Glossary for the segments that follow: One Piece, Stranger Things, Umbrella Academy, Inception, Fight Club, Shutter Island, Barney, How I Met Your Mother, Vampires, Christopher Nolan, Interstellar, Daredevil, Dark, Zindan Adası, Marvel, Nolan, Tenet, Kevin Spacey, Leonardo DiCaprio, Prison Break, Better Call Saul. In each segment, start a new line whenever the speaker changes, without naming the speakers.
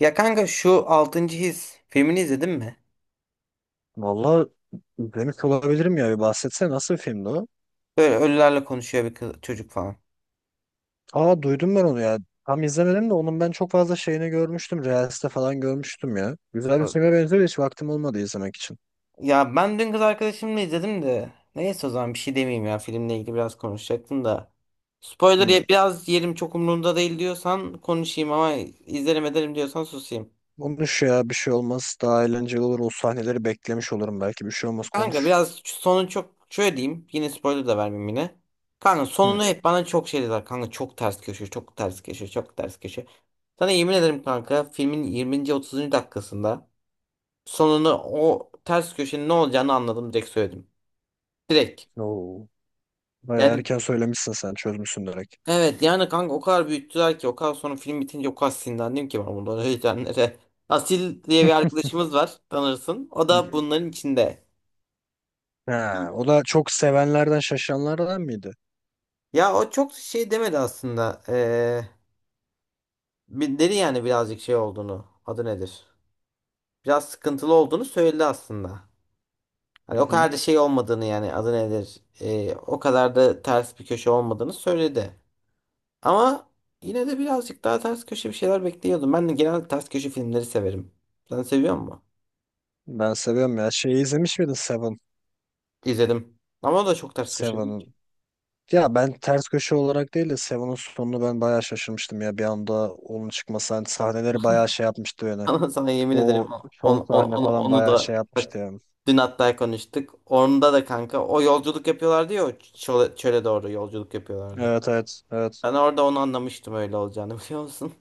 Ya kanka şu altıncı His filmini izledin mi?
Vallahi demiş olabilirim ya, bir bahsetsene, nasıl bir filmdi o?
Böyle ölülerle konuşuyor bir kız, çocuk falan.
Aa, duydum ben onu ya. Tam izlemedim de onun ben çok fazla şeyini görmüştüm. Reels'te falan görmüştüm ya. Güzel bir filme benziyor da hiç vaktim olmadı izlemek için.
Ya ben dün kız arkadaşımla izledim de. Neyse o zaman bir şey demeyeyim ya filmle ilgili biraz konuşacaktım da. Spoiler
Hmm.
biraz yerim çok umurumda değil diyorsan konuşayım ama izlerim ederim diyorsan susayım.
Konuş ya, bir şey olmaz. Daha eğlenceli olur. O sahneleri beklemiş olurum belki. Bir şey olmaz,
Kanka
konuş.
biraz sonu çok şöyle diyeyim yine spoiler da vermeyeyim yine. Kanka
Hmm.
sonunu hep bana çok şey dediler kanka çok ters köşe çok ters köşe çok ters köşe. Sana yemin ederim kanka filmin 20. 30. dakikasında. Sonunu o ters köşenin ne olacağını anladım direkt söyledim. Direkt.
Oo. Bayağı
Yani
erken söylemişsin sen. Çözmüşsün direkt.
evet yani kanka o kadar büyüttüler ki o kadar sonra film bitince o kadar sinirlendim ki ben bundan heyecanlara. Asil diye bir
Hı
arkadaşımız var tanırsın. O
hı.
da bunların içinde.
Ha, o da çok sevenlerden, şaşanlardan mıydı?
Ya o çok şey demedi aslında. Dedi yani birazcık şey olduğunu. Adı nedir? Biraz sıkıntılı olduğunu söyledi aslında.
Hı
Hani o
hı.
kadar da şey olmadığını yani adı nedir? O kadar da ters bir köşe olmadığını söyledi. Ama yine de birazcık daha ters köşe bir şeyler bekliyordum. Ben de genel ters köşe filmleri severim. Sen seviyor musun?
Ben seviyorum ya. Şeyi izlemiş miydin, Seven?
İzledim. Ama o da çok ters köşe değil
Seven.
ki.
Ya, ben ters köşe olarak değil de Seven'ın sonunu ben bayağı şaşırmıştım ya, bir anda onun çıkması, hani sahneleri bayağı şey yapmıştı yani.
Sana yemin ederim
O son
onu,
sahne
onu,
falan
onu,
bayağı
da
şey
bak
yapmıştı yani.
dün hatta konuştuk. Onda da kanka o yolculuk yapıyorlardı ya o çöle doğru yolculuk yapıyorlardı.
Evet, evet, evet.
Ben orada onu anlamıştım öyle olacağını biliyor musun?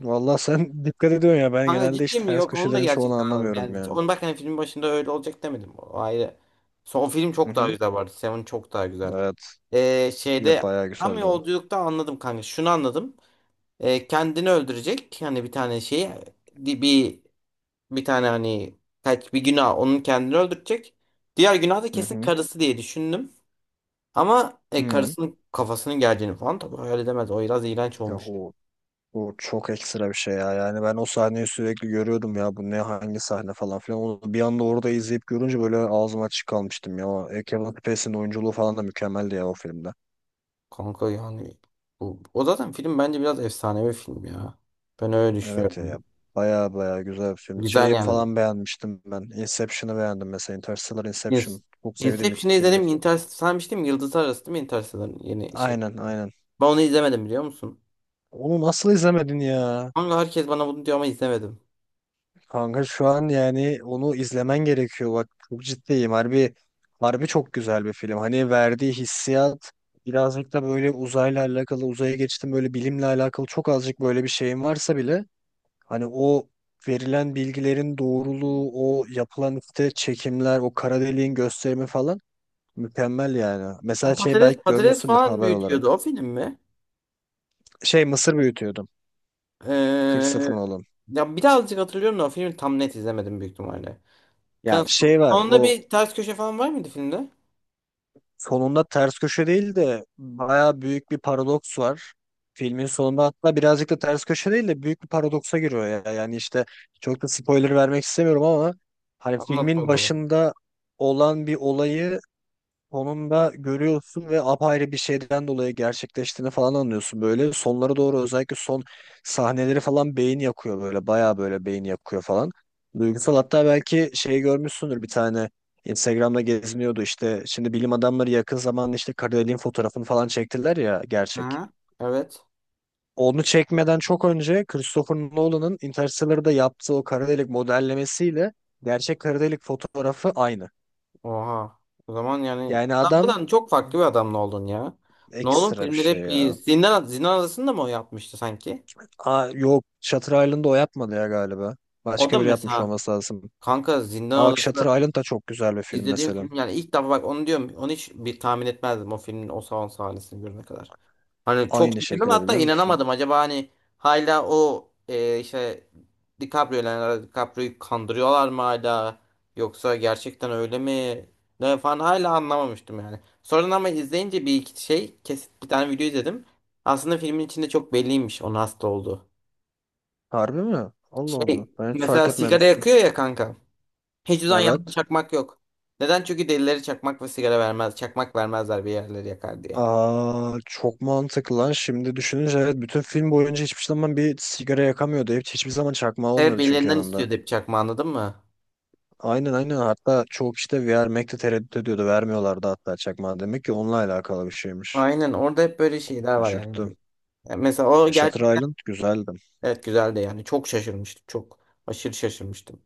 Valla sen dikkat ediyorsun ya, ben
Kanka
genelde hiç
ciddi mi?
ters
Yok onu da
köşelerin çoğunu
gerçekten anladım.
anlamıyorum
Yani
yani.
onu bak hani filmin başında öyle olacak demedim. O ayrı. Son film
Hı
çok daha
hı.
güzel vardı. Seven çok daha güzel.
Evet. Ya,
Şeyde
bayağı
tam
güzeldi o.
yolculukta anladım kanka. Şunu anladım. Kendini öldürecek. Yani bir tane şey di- bir bir tane hani kaç bir günah onun kendini öldürecek. Diğer günah da
Hı
kesin
hı.
karısı diye düşündüm. Ama
Hı.
karısının kafasının geleceğini falan tabii hayal edemez. O biraz iğrenç
Ya
olmuş.
o Bu çok ekstra bir şey ya. Yani ben o sahneyi sürekli görüyordum ya. Bu ne, hangi sahne falan filan. Onu bir anda orada izleyip görünce böyle ağzım açık kalmıştım ya. O Kevin Spacey'nin oyunculuğu falan da mükemmeldi ya o filmde.
Kanka yani o zaten film bence biraz efsanevi film ya. Ben öyle
Evet ya.
düşünüyorum.
Baya baya güzel bir film.
Güzel
Şeyi
yani.
falan beğenmiştim ben. Inception'ı beğendim mesela. Interstellar,
Yes.
Inception. Çok sevdiğim ilk
Inception'ı izledim.
filmdir.
Interstellar sanmıştım. Yıldızlar Arası değil mi Interstellar yeni şey.
Aynen, aynen.
Ben onu izlemedim biliyor musun?
Onu nasıl izlemedin ya?
Kanka herkes bana bunu diyor ama izlemedim.
Kanka şu an yani onu izlemen gerekiyor. Bak, çok ciddiyim. Harbi, harbi çok güzel bir film. Hani verdiği hissiyat birazcık da böyle uzayla alakalı, uzaya geçtim, böyle bilimle alakalı çok azıcık böyle bir şeyin varsa bile hani o verilen bilgilerin doğruluğu, o yapılan işte çekimler, o kara deliğin gösterimi falan mükemmel yani. Mesela
Ama
şey,
Patates,
belki
patates
görmüşsündür
falan
haber
büyütüyordu.
olarak.
O film mi?
Şey, mısır büyütüyordum.
Ee,
Christopher Nolan.
ya birazcık hatırlıyorum da o filmi tam net izlemedim büyük ihtimalle.
Ya,
Kanka,
şey var
sonunda
o.
bir ters köşe falan var mıydı filmde?
Sonunda ters köşe değil de bayağı büyük bir paradoks var. Filmin sonunda hatta birazcık da ters köşe değil de büyük bir paradoksa giriyor ya. Yani işte çok da spoiler vermek istemiyorum ama hani
Anlat o
filmin
zaman.
başında olan bir olayı sonunda görüyorsun ve apayrı bir şeyden dolayı gerçekleştiğini falan anlıyorsun böyle. Sonlara doğru özellikle son sahneleri falan beyin yakıyor böyle. Bayağı böyle beyin yakıyor falan. Duygusal, hatta belki şey görmüşsündür, bir tane Instagram'da geziniyordu işte. Şimdi bilim adamları yakın zamanda işte kara deliğin fotoğrafını falan çektiler ya, gerçek.
Hı. Evet.
Onu çekmeden çok önce Christopher Nolan'ın Interstellar'da yaptığı o kara delik modellemesiyle gerçek kara delik fotoğrafı aynı.
Oha. O zaman yani
Yani adam
Adamdan çok farklı bir adamla oldun ya. Nolan
ekstra bir
filmleri
şey
hep iyi.
ya.
Zindan Adası'nda mı o yapmıştı sanki?
Aa, yok, Shutter Island'ı o yapmadı ya galiba.
O da
Başka biri yapmış
mesela
olması lazım.
kanka
Aa,
Zindan
bak
Adası'nda
Shutter Island da çok güzel bir film
izlediğim
mesela.
film yani ilk defa bak onu diyorum. Onu hiç bir tahmin etmezdim o filmin o salon sahnesini görene kadar. Hani çok
Aynı
şaşırdım
şekilde,
hatta
biliyor musun?
inanamadım. Acaba hani hala o işte Leonardo DiCaprio'yu kandırıyorlar mı hala? Yoksa gerçekten öyle mi? Ne falan hala anlamamıştım yani. Sonradan ama izleyince bir iki şey kesit bir tane video izledim. Aslında filmin içinde çok belliymiş onun hasta olduğu.
Harbi mi? Allah Allah.
Şey
Ben hiç fark
mesela sigara
etmemiştim.
yakıyor ya kanka. Hiç uzan yanında
Evet.
çakmak yok. Neden? Çünkü delileri çakmak ve sigara vermez. Çakmak vermezler bir yerleri yakar diye.
Aa, çok mantıklı lan. Şimdi düşününce evet, bütün film boyunca hiçbir zaman bir sigara yakamıyordu. Hiçbir zaman çakmağı
Evet
olmuyordu çünkü
birilerinden
yanında.
istiyordu hep çakma anladın mı?
Aynen, aynen, hatta çoğu kişi de vermekte tereddüt ediyordu. Vermiyorlardı hatta çakmağı. Demek ki onunla alakalı bir şeymiş.
Aynen orada hep böyle şeyler var
Şaşırttım.
yani. Yani mesela o
E,
gerçek
Shutter Island güzeldi.
evet güzeldi yani. Çok şaşırmıştım. Çok aşırı şaşırmıştım.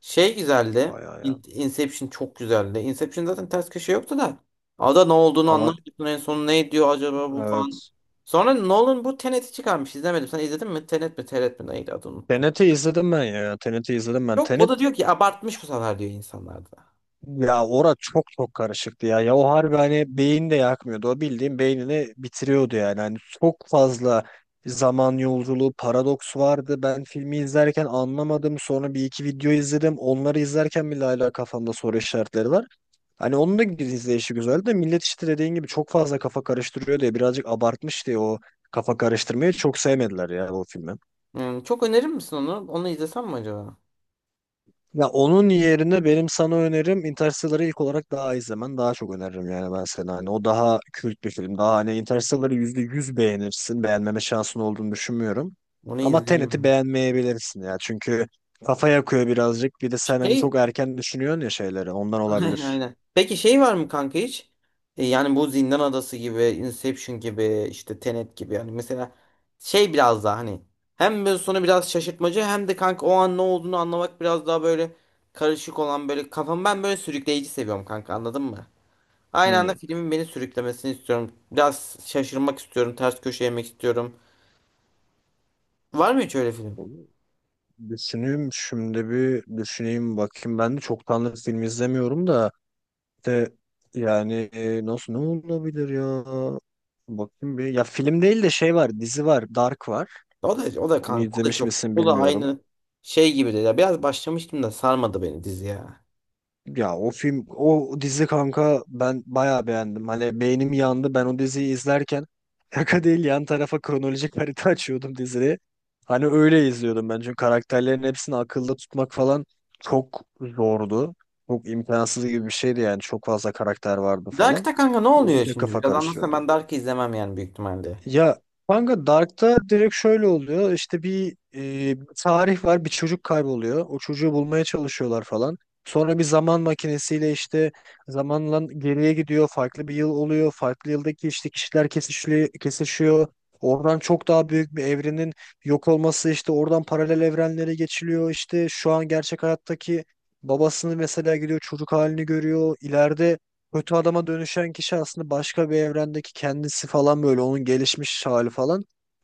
Şey güzeldi.
Bayağı ya.
Inception çok güzeldi. Inception zaten ters köşe yoktu da. Ada ne olduğunu
Ama
anlamıyorsun en son ne diyor acaba bu falan.
Evet.
Sonra Nolan bu Tenet'i çıkarmış. İzlemedim. Sen izledin mi? Tenet mi? Tenet mi? Neydi adı unuttum.
Tenet'i izledim ben ya. Tenet'i izledim ben.
Çok o
Tenet
da diyor ki abartmış bu sefer diyor insanlar da.
ya, ora çok çok karışıktı ya. Ya o harbi hani beyin de yakmıyordu. O bildiğin beynini bitiriyordu yani. Hani çok fazla zaman yolculuğu, paradoks vardı. Ben filmi izlerken anlamadım. Sonra bir iki video izledim. Onları izlerken bile hala kafamda soru işaretleri var. Hani onun da izleyişi güzeldi de millet işte dediğin gibi çok fazla kafa karıştırıyor diye birazcık abartmış diye o kafa karıştırmayı çok sevmediler ya bu filmi.
Hmm, çok önerir misin onu? Onu izlesem mi acaba?
Ya onun yerine benim sana önerim Interstellar'ı ilk olarak daha izlemen. Daha çok öneririm yani ben sana. Hani o daha kült bir film. Daha hani Interstellar'ı %100 beğenirsin. Beğenmeme şansın olduğunu düşünmüyorum.
Onu
Ama
izleyeyim
Tenet'i
mi?
beğenmeyebilirsin ya. Çünkü kafa yakıyor birazcık. Bir de sen hani
Şey
çok erken düşünüyorsun ya şeyleri. Ondan olabilir.
aynen. Peki şey var mı kanka hiç? Yani bu Zindan Adası gibi, Inception gibi, işte Tenet gibi yani mesela şey biraz daha hani hem böyle sonu biraz şaşırtmacı hem de kanka o an ne olduğunu anlamak biraz daha böyle karışık olan böyle kafam ben böyle sürükleyici seviyorum kanka anladın mı? Aynı anda
Hmm.
filmin beni sürüklemesini istiyorum. Biraz şaşırmak istiyorum, ters köşe yemek istiyorum. Var mı hiç öyle film?
Düşüneyim, şimdi bir düşüneyim bakayım. Ben de çoktandır film izlemiyorum da de yani, ne olabilir ya? Bakayım bir. Ya film değil de şey var, dizi var, Dark var.
O da o da
Onu
kanka o da
izlemiş
çok
misin,
o da
bilmiyorum.
aynı şey gibi de ya biraz başlamıştım da sarmadı beni dizi ya.
Ya o dizi kanka, ben bayağı beğendim. Hani beynim yandı. Ben o diziyi izlerken şaka değil, yan tarafa kronolojik harita açıyordum diziyi. Hani öyle izliyordum ben. Çünkü karakterlerin hepsini akılda tutmak falan çok zordu. Çok imkansız gibi bir şeydi yani. Çok fazla karakter vardı falan.
Dark'ta kanka ne
O
oluyor
iyice
şimdi?
kafa
Biraz anlatsana
karıştırıyordu.
ben Dark'ı izlemem yani büyük ihtimalle.
Ya kanka, Dark'ta direkt şöyle oluyor. İşte bir tarih var, bir çocuk kayboluyor. O çocuğu bulmaya çalışıyorlar falan. Sonra bir zaman makinesiyle işte zamanla geriye gidiyor. Farklı bir yıl oluyor. Farklı yıldaki işte kişiler kesişiyor. Oradan çok daha büyük bir evrenin yok olması, işte oradan paralel evrenlere geçiliyor. İşte şu an gerçek hayattaki babasını mesela gidiyor çocuk halini görüyor. İleride kötü adama dönüşen kişi aslında başka bir evrendeki kendisi falan, böyle onun gelişmiş hali falan.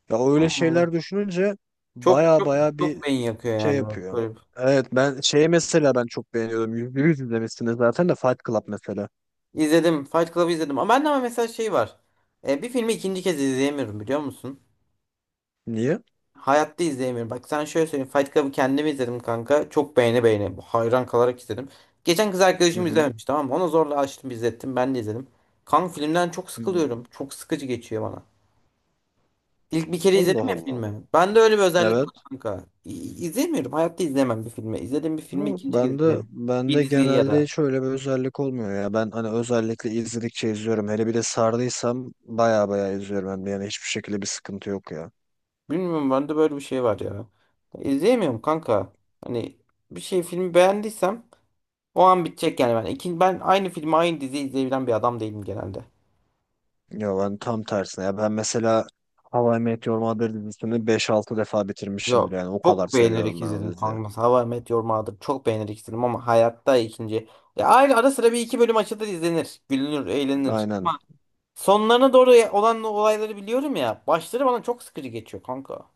Ya, öyle
Hmm.
şeyler düşününce
Çok
baya
çok
baya bir
çok beyin yakıyor
şey
yani.
yapıyor.
Böyle.
Evet, ben şeyi mesela ben çok beğeniyorum. %100 izlemişsiniz zaten de, Fight Club mesela.
İzledim. Fight Club'ı izledim. Ama bende ama mesela şey var. Bir filmi ikinci kez izleyemiyorum biliyor musun?
Niye?
Hayatta izleyemiyorum. Bak sen şöyle söyleyeyim. Fight Club'ı kendim izledim kanka. Çok beğene beğene. Hayran kalarak izledim. Geçen kız
Hı
arkadaşım
hı.
izlememiş tamam mı? Ona zorla açtım izlettim. Ben de izledim. Kanka filmden çok
Hı.
sıkılıyorum. Çok sıkıcı geçiyor bana. İlk bir kere
Allah
izledim ya
Allah.
filmi. Ben de öyle bir özellik var
Evet.
kanka. İzlemiyorum. Hayatta izlemem bir filmi. İzlediğim bir filmi
Yok,
ikinci kez
bende
izlemem. Bir
bende
diziyi ya
genelde
da.
hiç öyle bir özellik olmuyor ya. Ben hani özellikle izledikçe izliyorum. Hele bir de sardıysam baya baya izliyorum hem de. Yani hiçbir şekilde bir sıkıntı yok ya.
Bilmiyorum bende böyle bir şey var ya. İzleyemiyorum kanka. Hani bir şey filmi beğendiysem o an bitecek yani ben. Ben aynı filmi aynı diziyi izleyebilen bir adam değilim genelde.
Ya ben tam tersine. Ya ben mesela How I Met Your Mother dizisini 5-6 defa bitirmişimdir
Yok.
yani. O kadar
Çok beğenerek
seviyorum ben o
izledim
diziyi.
kanka. Mesela How I Met Your Mother çok beğenerek izledim ama hayatta ikinci. Ya aynı ara sıra bir iki bölüm açılır izlenir. Gülünür, eğlenir.
Aynen.
Sonlarına doğru olan olayları biliyorum ya. Başları bana çok sıkıcı geçiyor kanka.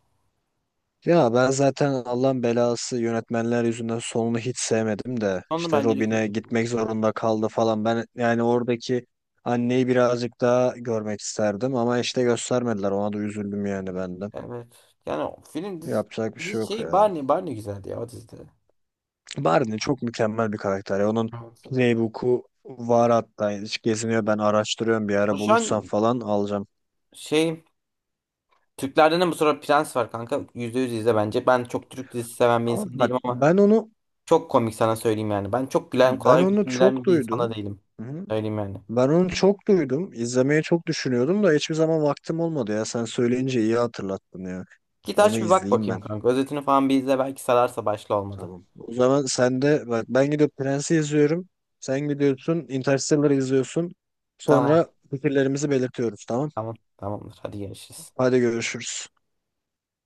Ya, ben zaten Allah'ın belası yönetmenler yüzünden sonunu hiç sevmedim de
Sonu
işte
bence de
Robin'e
kötü.
gitmek zorunda kaldı falan. Ben yani oradaki anneyi birazcık daha görmek isterdim ama işte göstermediler. Ona da üzüldüm yani ben de.
Evet. Yani o film dizi,
Yapacak bir şey yok
şey
ya.
Barney Barney güzeldi ya o dizide.
Barney çok mükemmel bir karakter ya. Onun
Evet.
Playbook'u var hatta. Hiç geziniyor. Ben araştırıyorum. Bir
O
ara
şu
bulursam
an
falan alacağım.
şey Türklerden de bu sıra Prens var kanka. %100 izle bence. Ben çok Türk dizisi seven bir
Ama
insan
bak,
değilim ama
ben onu
çok komik sana söyleyeyim yani. Ben çok gülen
ben
kolay
onu çok
gülen bir insana
duydum.
değilim.
Hı.
Söyleyeyim yani.
Ben onu çok duydum. İzlemeyi çok düşünüyordum da hiçbir zaman vaktim olmadı ya. Sen söyleyince iyi hatırlattın ya.
Git
Onu
aç bir bak
izleyeyim
bakayım
ben.
kanka. Özetini falan bir izle belki sararsa başla olmadı.
Tamam. O zaman sen de bak, ben gidip Prens'i izliyorum. Sen gidiyorsun, Interstellar'ı izliyorsun.
Tamam.
Sonra fikirlerimizi belirtiyoruz, tamam.
Tamam. Tamamdır. Hadi görüşürüz.
Hadi görüşürüz.